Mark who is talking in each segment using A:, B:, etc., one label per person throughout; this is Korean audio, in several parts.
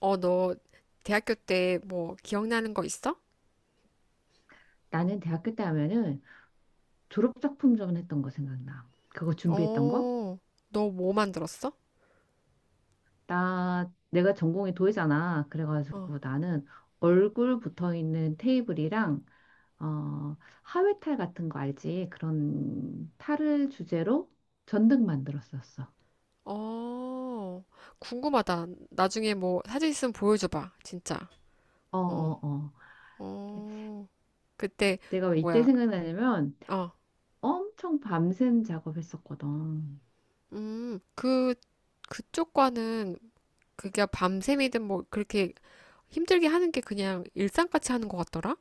A: 너 대학교 때 뭐 기억나는 거 있어?
B: 나는 대학교 때 하면은 졸업작품 전 했던 거 생각나. 그거 준비했던 거?
A: 어, 너 뭐 만들었어?
B: 내가 전공이 도예잖아.
A: 어,
B: 그래가지고 나는 얼굴 붙어 있는 테이블이랑, 어, 하회탈 같은 거 알지? 그런 탈을 주제로 전등 만들었었어.
A: 어, 궁금하다. 나중에 뭐 사진 있으면 보여줘봐. 진짜.
B: 어,
A: 어,
B: 어, 어.
A: 어, 그때
B: 내가 왜 이때
A: 뭐야?
B: 생각나냐면
A: 어,
B: 엄청 밤샘 작업했었거든.
A: 음, 그 그쪽과는 그게 밤샘이든 뭐 그렇게 힘들게 하는 게 그냥 일상같이 하는 것 같더라?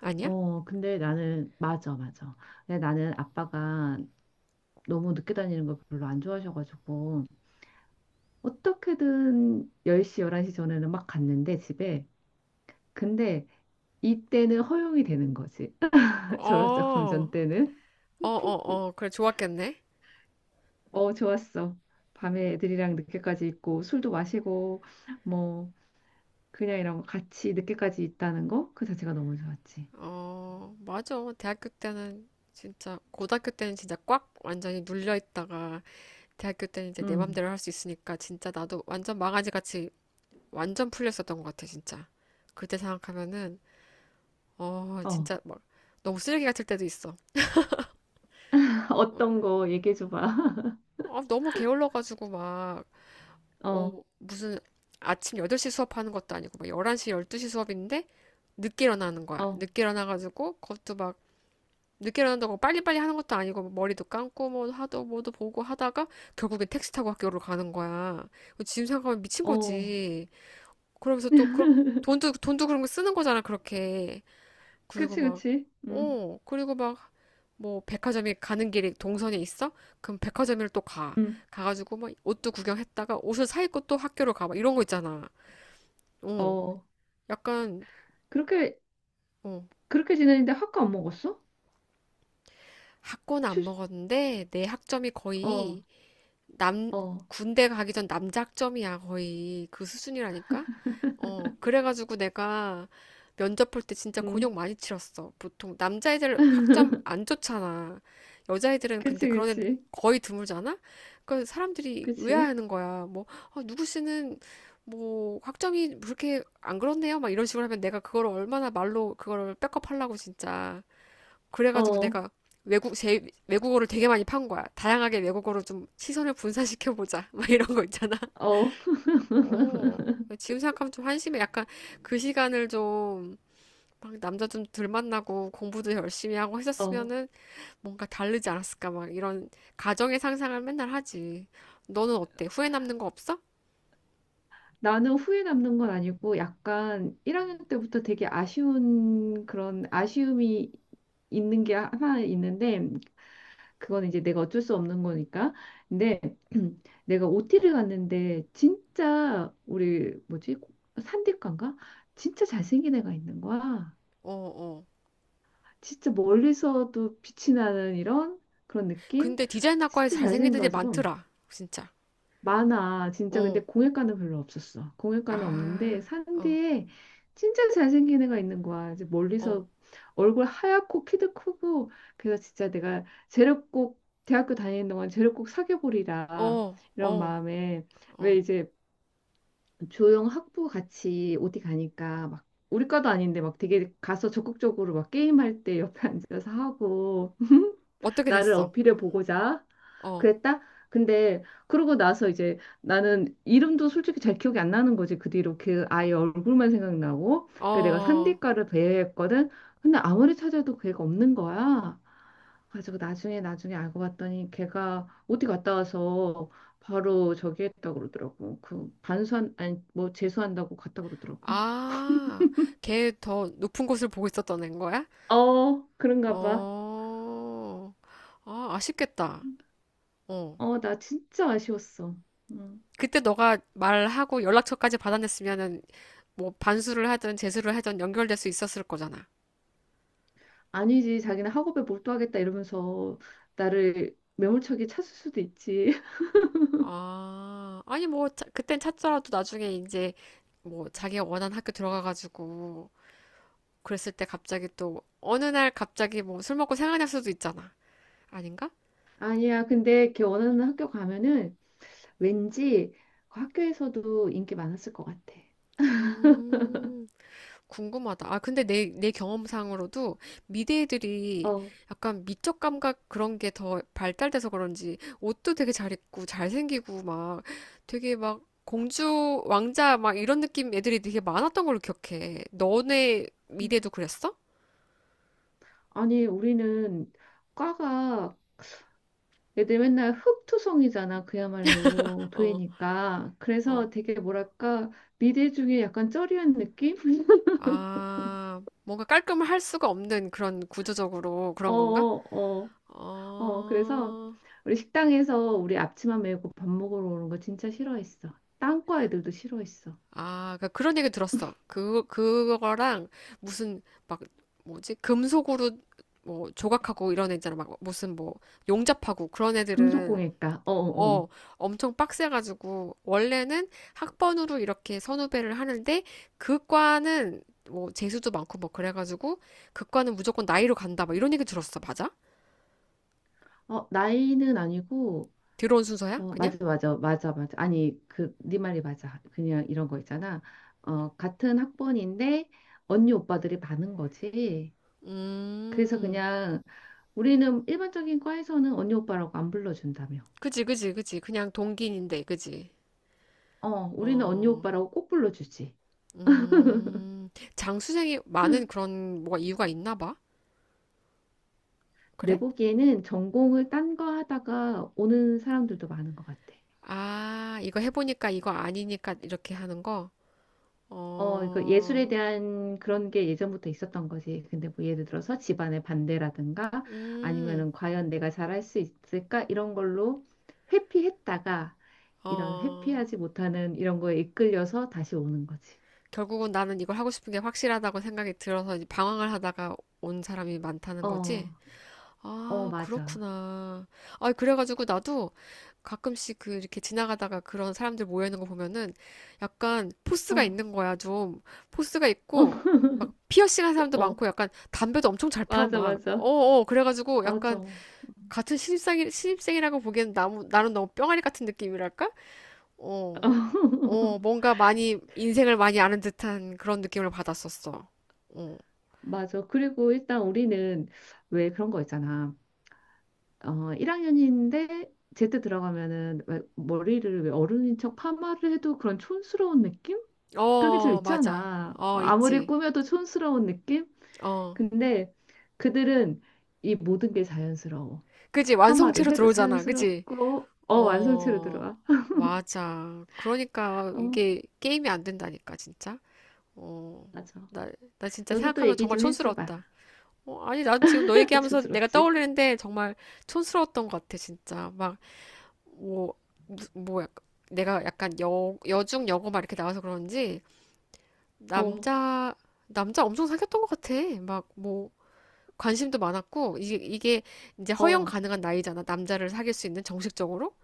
A: 아니야?
B: 어, 맞아, 맞아. 근데 나는 아빠가 너무 늦게 다니는 걸 별로 안 좋아하셔가지고 어떻게든 10시, 11시 전에는 막 갔는데 집에. 근데 이때는 허용이 되는 거지. 졸업작
A: 어,
B: 품절 때는.
A: 어, 어, 어, 그래 좋았겠네.
B: 어, 좋았어. 밤에 애들이랑 늦게까지 있고 술도 마시고 뭐 그냥 이런 거 같이 늦게까지 있다는 거 그 자체가 너무 좋았지.
A: 어, 맞아. 대학교 때는 진짜, 고등학교 때는 진짜 꽉 완전히 눌려 있다가, 대학교 때는 이제 내
B: 음.
A: 맘대로 할 수 있으니까, 진짜 나도 완전 망아지 같이 완전 풀렸었던 것 같아, 진짜. 그때 생각하면은, 어,
B: 어.
A: 진짜 막, 너무 쓰레기 같을 때도 있어. 어,
B: 어떤 거 얘기해 줘 봐.
A: 아, 너무 게을러가지고 막, 어,
B: 어.
A: 무슨 아침 8시 수업하는 것도 아니고, 막 11시, 12시 수업인데, 늦게 일어나는 거야.
B: 어.
A: 늦게 일어나가지고, 그것도 막, 늦게 일어난다고 빨리빨리 하는 것도 아니고 뭐 머리도 감고 뭐 하도 뭐도 보고 하다가 결국엔 택시 타고 학교를 가는 거야. 지금 생각하면 미친
B: 어.
A: 거지. 그러면서 또 그런 돈도 돈도 그런 거 쓰는 거잖아 그렇게. 그리고
B: 그치,
A: 막
B: 그치. 음.
A: 어, 그리고 막 뭐 백화점에 가는 길이 동선에 있어? 그럼 백화점을 또 가.
B: 음.
A: 가가지고 막 옷도 구경했다가 옷을 사 입고 또 학교로 가. 막 이런 거 있잖아. 어,
B: 어.
A: 약간
B: 그렇게
A: 어,
B: 그렇게 지내는데 학과 안 먹었어?
A: 학고는
B: 출
A: 안 먹었는데 내 학점이
B: 어.
A: 거의 남,
B: 어.
A: 군대 가기 전 남작점이야, 거의. 그 수준이라니까? 어, 그래가지고 내가 면접 볼 때 진짜
B: 응
A: 곤욕 많이 치렀어. 보통 남자애들 학점 안 좋잖아. 여자애들은 근데
B: 그치,
A: 그런 애
B: 그치,
A: 거의 드물잖아? 그러니까 사람들이
B: 그치.
A: 의아해하는 거야. 뭐, 아, 누구 씨는 뭐 학점이 그렇게 안 그렇네요? 막 이런 식으로 하면 내가 그걸 얼마나 말로 그걸 백업하려고 진짜. 그래가지고
B: 어,
A: 내가 외국, 제, 외국어를 되게 많이 판 거야. 다양하게 외국어로 좀 시선을 분산시켜보자. 막 이런 거 있잖아.
B: 어,
A: 어, 지금 생각하면 좀 한심해. 약간 그 시간을 좀, 막 남자 좀 덜 만나고 공부도 열심히 하고
B: 어.
A: 했었으면은 뭔가 다르지 않았을까. 막 이런 가정의 상상을 맨날 하지. 너는 어때? 후회 남는 거 없어?
B: 나는 후회 남는 건 아니고 약간 1학년 때부터 되게 아쉬운 그런 아쉬움이 있는 게 하나 있는데 그건 이제 내가 어쩔 수 없는 거니까. 근데 내가 OT를 갔는데 진짜 우리 뭐지? 산디과인가? 진짜 잘생긴 애가 있는 거야.
A: 어, 어.
B: 진짜 멀리서도 빛이 나는 이런 그런 느낌?
A: 근데 디자인학과에
B: 진짜
A: 잘생긴 애들이
B: 잘생겨가지고.
A: 많더라. 진짜.
B: 많아. 진짜 근데
A: 어.
B: 공예과는 별로 없었어. 공예과는 없는데
A: 아,
B: 산
A: 어,
B: 뒤에 진짜 잘생긴 애가 있는 거야. 이제
A: 어,
B: 멀리서 얼굴 하얗고 키도 크고 그래서 진짜 내가 쟤를 꼭 대학교 다니는 동안 쟤를 꼭 사귀어보리라
A: 어,
B: 이런
A: 어,
B: 마음에 왜
A: 어.
B: 이제 조용 학부 같이 어디 가니까 막 우리 과도 아닌데 막 되게 가서 적극적으로 막 게임할 때 옆에 앉아서 하고
A: 어떻게
B: 나를
A: 됐어?
B: 어필해 보고자
A: 어,
B: 그랬다? 근데 그러고 나서 이제 나는 이름도 솔직히 잘 기억이 안 나는 거지. 그 뒤로 그 아이 얼굴만 생각나고 그 내가
A: 어,
B: 산디과를 배회했거든. 근데 아무리 찾아도 걔가 없는 거야. 그래가지고 나중에 알고 봤더니 걔가 어디 갔다 와서 바로 저기 했다 그러더라고. 그 반수한 아니 뭐 재수한다고 갔다 그러더라고.
A: 아, 걔 더 높은 곳을 보고 있었던 앤 거야?
B: 어 그런가 봐.
A: 어, 아, 아쉽겠다. 어.
B: 어 나 진짜 아쉬웠어. 음.
A: 그때 너가 말하고 연락처까지 받아냈으면은 뭐 반수를 하든 재수를 하든 연결될 수 있었을 거잖아.
B: 아니지, 자기는 학업에 몰두하겠다 이러면서 나를 매몰차게 찾을 수도 있지.
A: 아, 아니 뭐 자- 그땐 찾더라도 나중에 이제 뭐 자기가 원하는 학교 들어가가지고 그랬을 때 갑자기 또 어느 날 갑자기 뭐 술 먹고 생각날 수도 있잖아. 아닌가?
B: 아니야, 근데 걔 원하는 학교 가면은 왠지 그 학교에서도 인기 많았을 것 같아.
A: 음. 궁금하다. 아, 근데 내 경험상으로도 미대애들이
B: 어.
A: 약간 미적 감각 그런 게 더 발달돼서 그런지 옷도 되게 잘 입고 잘생기고 막 되게 막 공주, 왕자 막 이런 느낌 애들이 되게 많았던 걸로 기억해. 너네 미대도 그랬어?
B: 아니, 우리는 과가 애들 맨날 흙투성이잖아, 그야말로
A: 어,
B: 도예니까.
A: 어.
B: 그래서 되게 뭐랄까, 미대 중에 약간 쩌리한 느낌?
A: 아, 뭔가 깔끔할 수가 없는 그런 구조적으로
B: 어,
A: 그런 건가?
B: 어, 어. 어, 그래서
A: 어.
B: 우리 식당에서 우리 앞치마 메고 밥 먹으러 오는 거 진짜 싫어했어. 땅과 애들도 싫어했어.
A: 아, 그러니까 그런 얘기 들었어. 그거랑 무슨 막 뭐지? 금속으로 뭐 조각하고 이런 애 있잖아. 막 무슨 뭐 용접하고 그런 애들은
B: 금속공예과. 어, 어, 어.
A: 어, 엄청 빡세가지고 원래는 학번으로 이렇게 선후배를 하는데 그 과는 뭐 재수도 많고 뭐 그래가지고 그 과는 무조건 나이로 간다. 막 이런 얘기 들었어. 맞아?
B: 어, 나이는 아니고
A: 들어온 순서야?
B: 어,
A: 그냥?
B: 맞아, 맞아, 맞아, 맞아. 아니, 그 네 말이 맞아. 그냥 이런 거 있잖아. 어, 같은 학번인데 언니 오빠들이 많은 거지. 그래서
A: 음,
B: 그냥 우리는 일반적인 과에서는 언니 오빠라고 안 불러준다며.
A: 그지, 그지, 그지. 그냥 동기인데, 그지?
B: 어, 우리는 언니
A: 어.
B: 오빠라고 꼭 불러주지.
A: 음, 장수생이 많은 그런 뭐가 이유가 있나 봐. 그래?
B: 내 보기에는 전공을 딴 거 하다가 오는 사람들도 많은 것 같아.
A: 아, 이거 해보니까 이거 아니니까 이렇게 하는 거?
B: 어, 그 예술에
A: 어,
B: 대한 그런 게 예전부터 있었던 거지. 근데 뭐 예를 들어서 집안의 반대라든가
A: 음,
B: 아니면은 과연 내가 잘할 수 있을까? 이런 걸로 회피했다가 이런
A: 어,
B: 회피하지 못하는 이런 거에 이끌려서 다시 오는 거지.
A: 결국은 나는 이걸 하고 싶은 게 확실하다고 생각이 들어서 이제 방황을 하다가 온 사람이 많다는
B: 어,
A: 거지?
B: 어,
A: 아,
B: 맞아.
A: 그렇구나. 아, 그래가지고 나도 가끔씩 그 이렇게 지나가다가 그런 사람들 모여있는 거 보면은 약간 포스가
B: 어,
A: 있는 거야, 좀. 포스가 있고, 막 피어싱 한 사람도
B: 어, 어,
A: 많고 약간 담배도 엄청 잘 펴,
B: 맞아,
A: 막.
B: 맞아.
A: 어어, 그래가지고 약간
B: 맞아.
A: 신입생이라고 보기엔 나무, 나는 너무 뿅아리 같은 느낌이랄까? 어, 어, 뭔가 많이, 인생을 많이 아는 듯한 그런 느낌을 받았었어. 어,
B: 맞아. 그리고 일단 우리는 왜 그런 거 있잖아. 어, 1학년인데 제때 들어가면은 왜 머리를 왜 어른인 척 파마를 해도 그런 촌스러운 느낌? 그런 게 좀
A: 어, 맞아.
B: 있잖아.
A: 어,
B: 아무리
A: 있지.
B: 꾸며도 촌스러운 느낌?
A: 어.
B: 근데 그들은 이 모든 게 자연스러워.
A: 그지?
B: 파마를
A: 완성체로
B: 해도
A: 들어오잖아. 그지?
B: 자연스럽고, 어, 완성체로
A: 어,
B: 들어와.
A: 맞아. 그러니까
B: 어,
A: 이게 게임이 안 된다니까, 진짜. 어,
B: 맞아.
A: 나, 나 진짜
B: 너도 또
A: 생각하면
B: 얘기
A: 정말
B: 좀 해줘봐.
A: 촌스러웠다. 어, 아니, 나 지금 너 얘기하면서 내가
B: 촌스럽지?
A: 떠올리는데 정말 촌스러웠던 것 같아, 진짜. 막, 뭐, 뭐, 약간, 내가 약간 여중 여고 막 이렇게 나와서 그런지,
B: 어,
A: 남자, 남자 엄청 사귀었던 것 같아. 막, 뭐, 관심도 많았고, 이게 이제 허용
B: 어,
A: 가능한 나이잖아. 남자를 사귈 수 있는 정식적으로.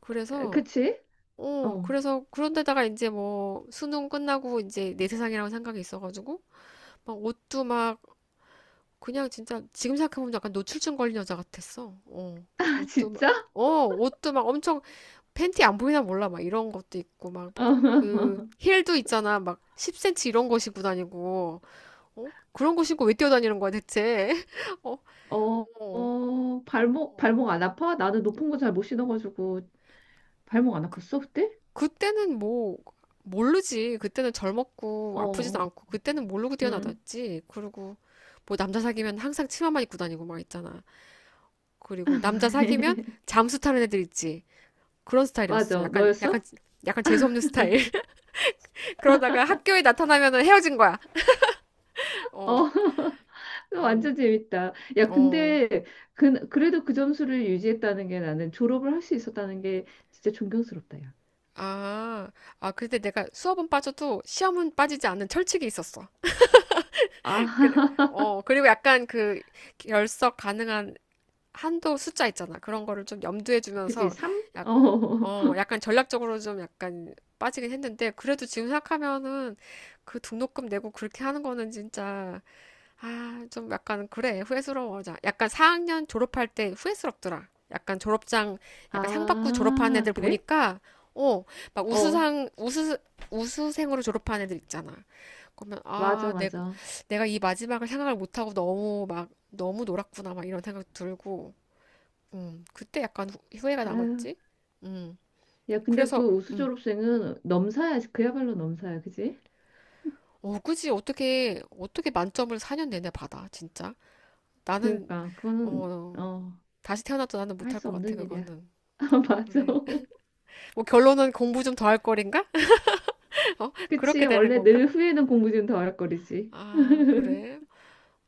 A: 그래서,
B: 그치?
A: 어,
B: 어.
A: 그래서 그런데다가 이제 뭐 수능 끝나고 이제 내 세상이라는 생각이 있어가지고 막 옷도 막 그냥 진짜 지금 생각해보면 약간 노출증 걸린 여자 같았어. 어,
B: 아,
A: 옷도 막,
B: 진짜?
A: 옷도 막 엄청 팬티 안 보이나 몰라. 막 이런 것도 있고 막 그
B: 어.
A: 힐도 있잖아. 막 10cm 이런 거 신고 다니고. 어? 그런 거 신고 왜 뛰어다니는 거야 대체? 어,
B: 어, 어, 발목,
A: 어.
B: 발목 안 아파? 나는 높은 거 잘 못 신어가지고 발목 안 아팠어, 그때?
A: 그때는 뭐 모르지. 그때는 젊었고
B: 어,
A: 아프지도
B: 어,
A: 않고 그때는 모르고
B: 응.
A: 뛰어나댔지. 그리고 뭐 남자 사귀면 항상 치마만 입고 다니고 막 있잖아. 그리고 남자 사귀면 잠수 타는 애들 있지. 그런 스타일이었어.
B: 맞아.
A: 약간
B: 너였어?
A: 약간 재수 없는 스타일. 그러다가 학교에 나타나면은 헤어진 거야.
B: 어,
A: 어. 어.
B: 완전 재밌다. 야,
A: 어.
B: 근데 그래도 그 점수를 유지했다는 게 나는 졸업을 할 수 있었다는 게 진짜 존경스럽다, 야.
A: 아. 아, 근데 내가 수업은 빠져도 시험은 빠지지 않는 철칙이 있었어. 그래.
B: 아,
A: 어, 그리고 약간 그 결석 가능한 한도 숫자 있잖아. 그런 거를 좀 염두에
B: 그지?
A: 두면서
B: 삼
A: 약,
B: 어.
A: 어, 약간 전략적으로 좀 약간 빠지긴 했는데 그래도 지금 생각하면은 그 등록금 내고 그렇게 하는 거는 진짜 아, 좀 약간 그래. 후회스러워. 자, 약간 4학년 졸업할 때 후회스럽더라. 약간 졸업장 약간 상 받고 졸업한
B: 아,
A: 애들
B: 그래?
A: 보니까 어, 막
B: 어,
A: 우수상 우수생으로 졸업한 애들 있잖아. 그러면
B: 맞아,
A: 아,
B: 맞아.
A: 내가 이 마지막을 생각을 못하고 너무 막 너무 놀았구나 막 이런 생각 들고 그때 약간 후회가
B: 아유.
A: 남았지? 음.
B: 야, 근데
A: 그래서
B: 그 우수
A: 음,
B: 졸업생은 넘사야. 그야말로 넘사야, 그지?
A: 어, 굳이 어떻게 어떻게 만점을 4년 내내 받아, 진짜? 나는
B: 그러니까 그거는
A: 어,
B: 어
A: 다시 태어나도 나는
B: 할
A: 못할
B: 수
A: 것 같아,
B: 없는 일이야.
A: 그거는.
B: 아, 맞아.
A: 그래. 뭐 결론은 공부 좀 더 할 거린가? 어? 그렇게
B: 그치.
A: 되는
B: 원래
A: 건가?
B: 늘 후회는 공부 좀 더 어렵거리지.
A: 아, 그래.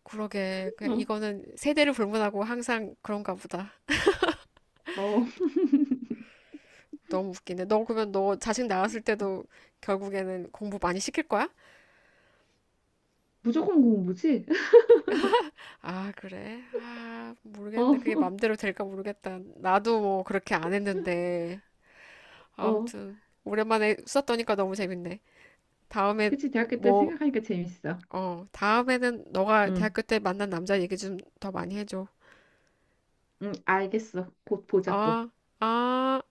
A: 그러게. 그냥
B: 어,
A: 이거는 세대를 불문하고 항상 그런가 보다.
B: 어,
A: 너무 웃기네. 너 그러면 너 자식 낳았을 때도 결국에는 공부 많이 시킬 거야?
B: 무조건 공부지?
A: 아, 그래? 아, 모르겠네.
B: 어,
A: 그게 맘대로 될까 모르겠다. 나도 뭐 그렇게 안 했는데.
B: 어.
A: 아무튼, 오랜만에 수다 떠니까 너무 재밌네. 다음에,
B: 그치. 대학교 때
A: 뭐,
B: 생각하니까 재밌어.
A: 어, 다음에는 너가
B: 응,
A: 대학교 때 만난 남자 얘기 좀 더 많이 해줘.
B: 응, 알겠어. 곧 보자 또.
A: 아, 아.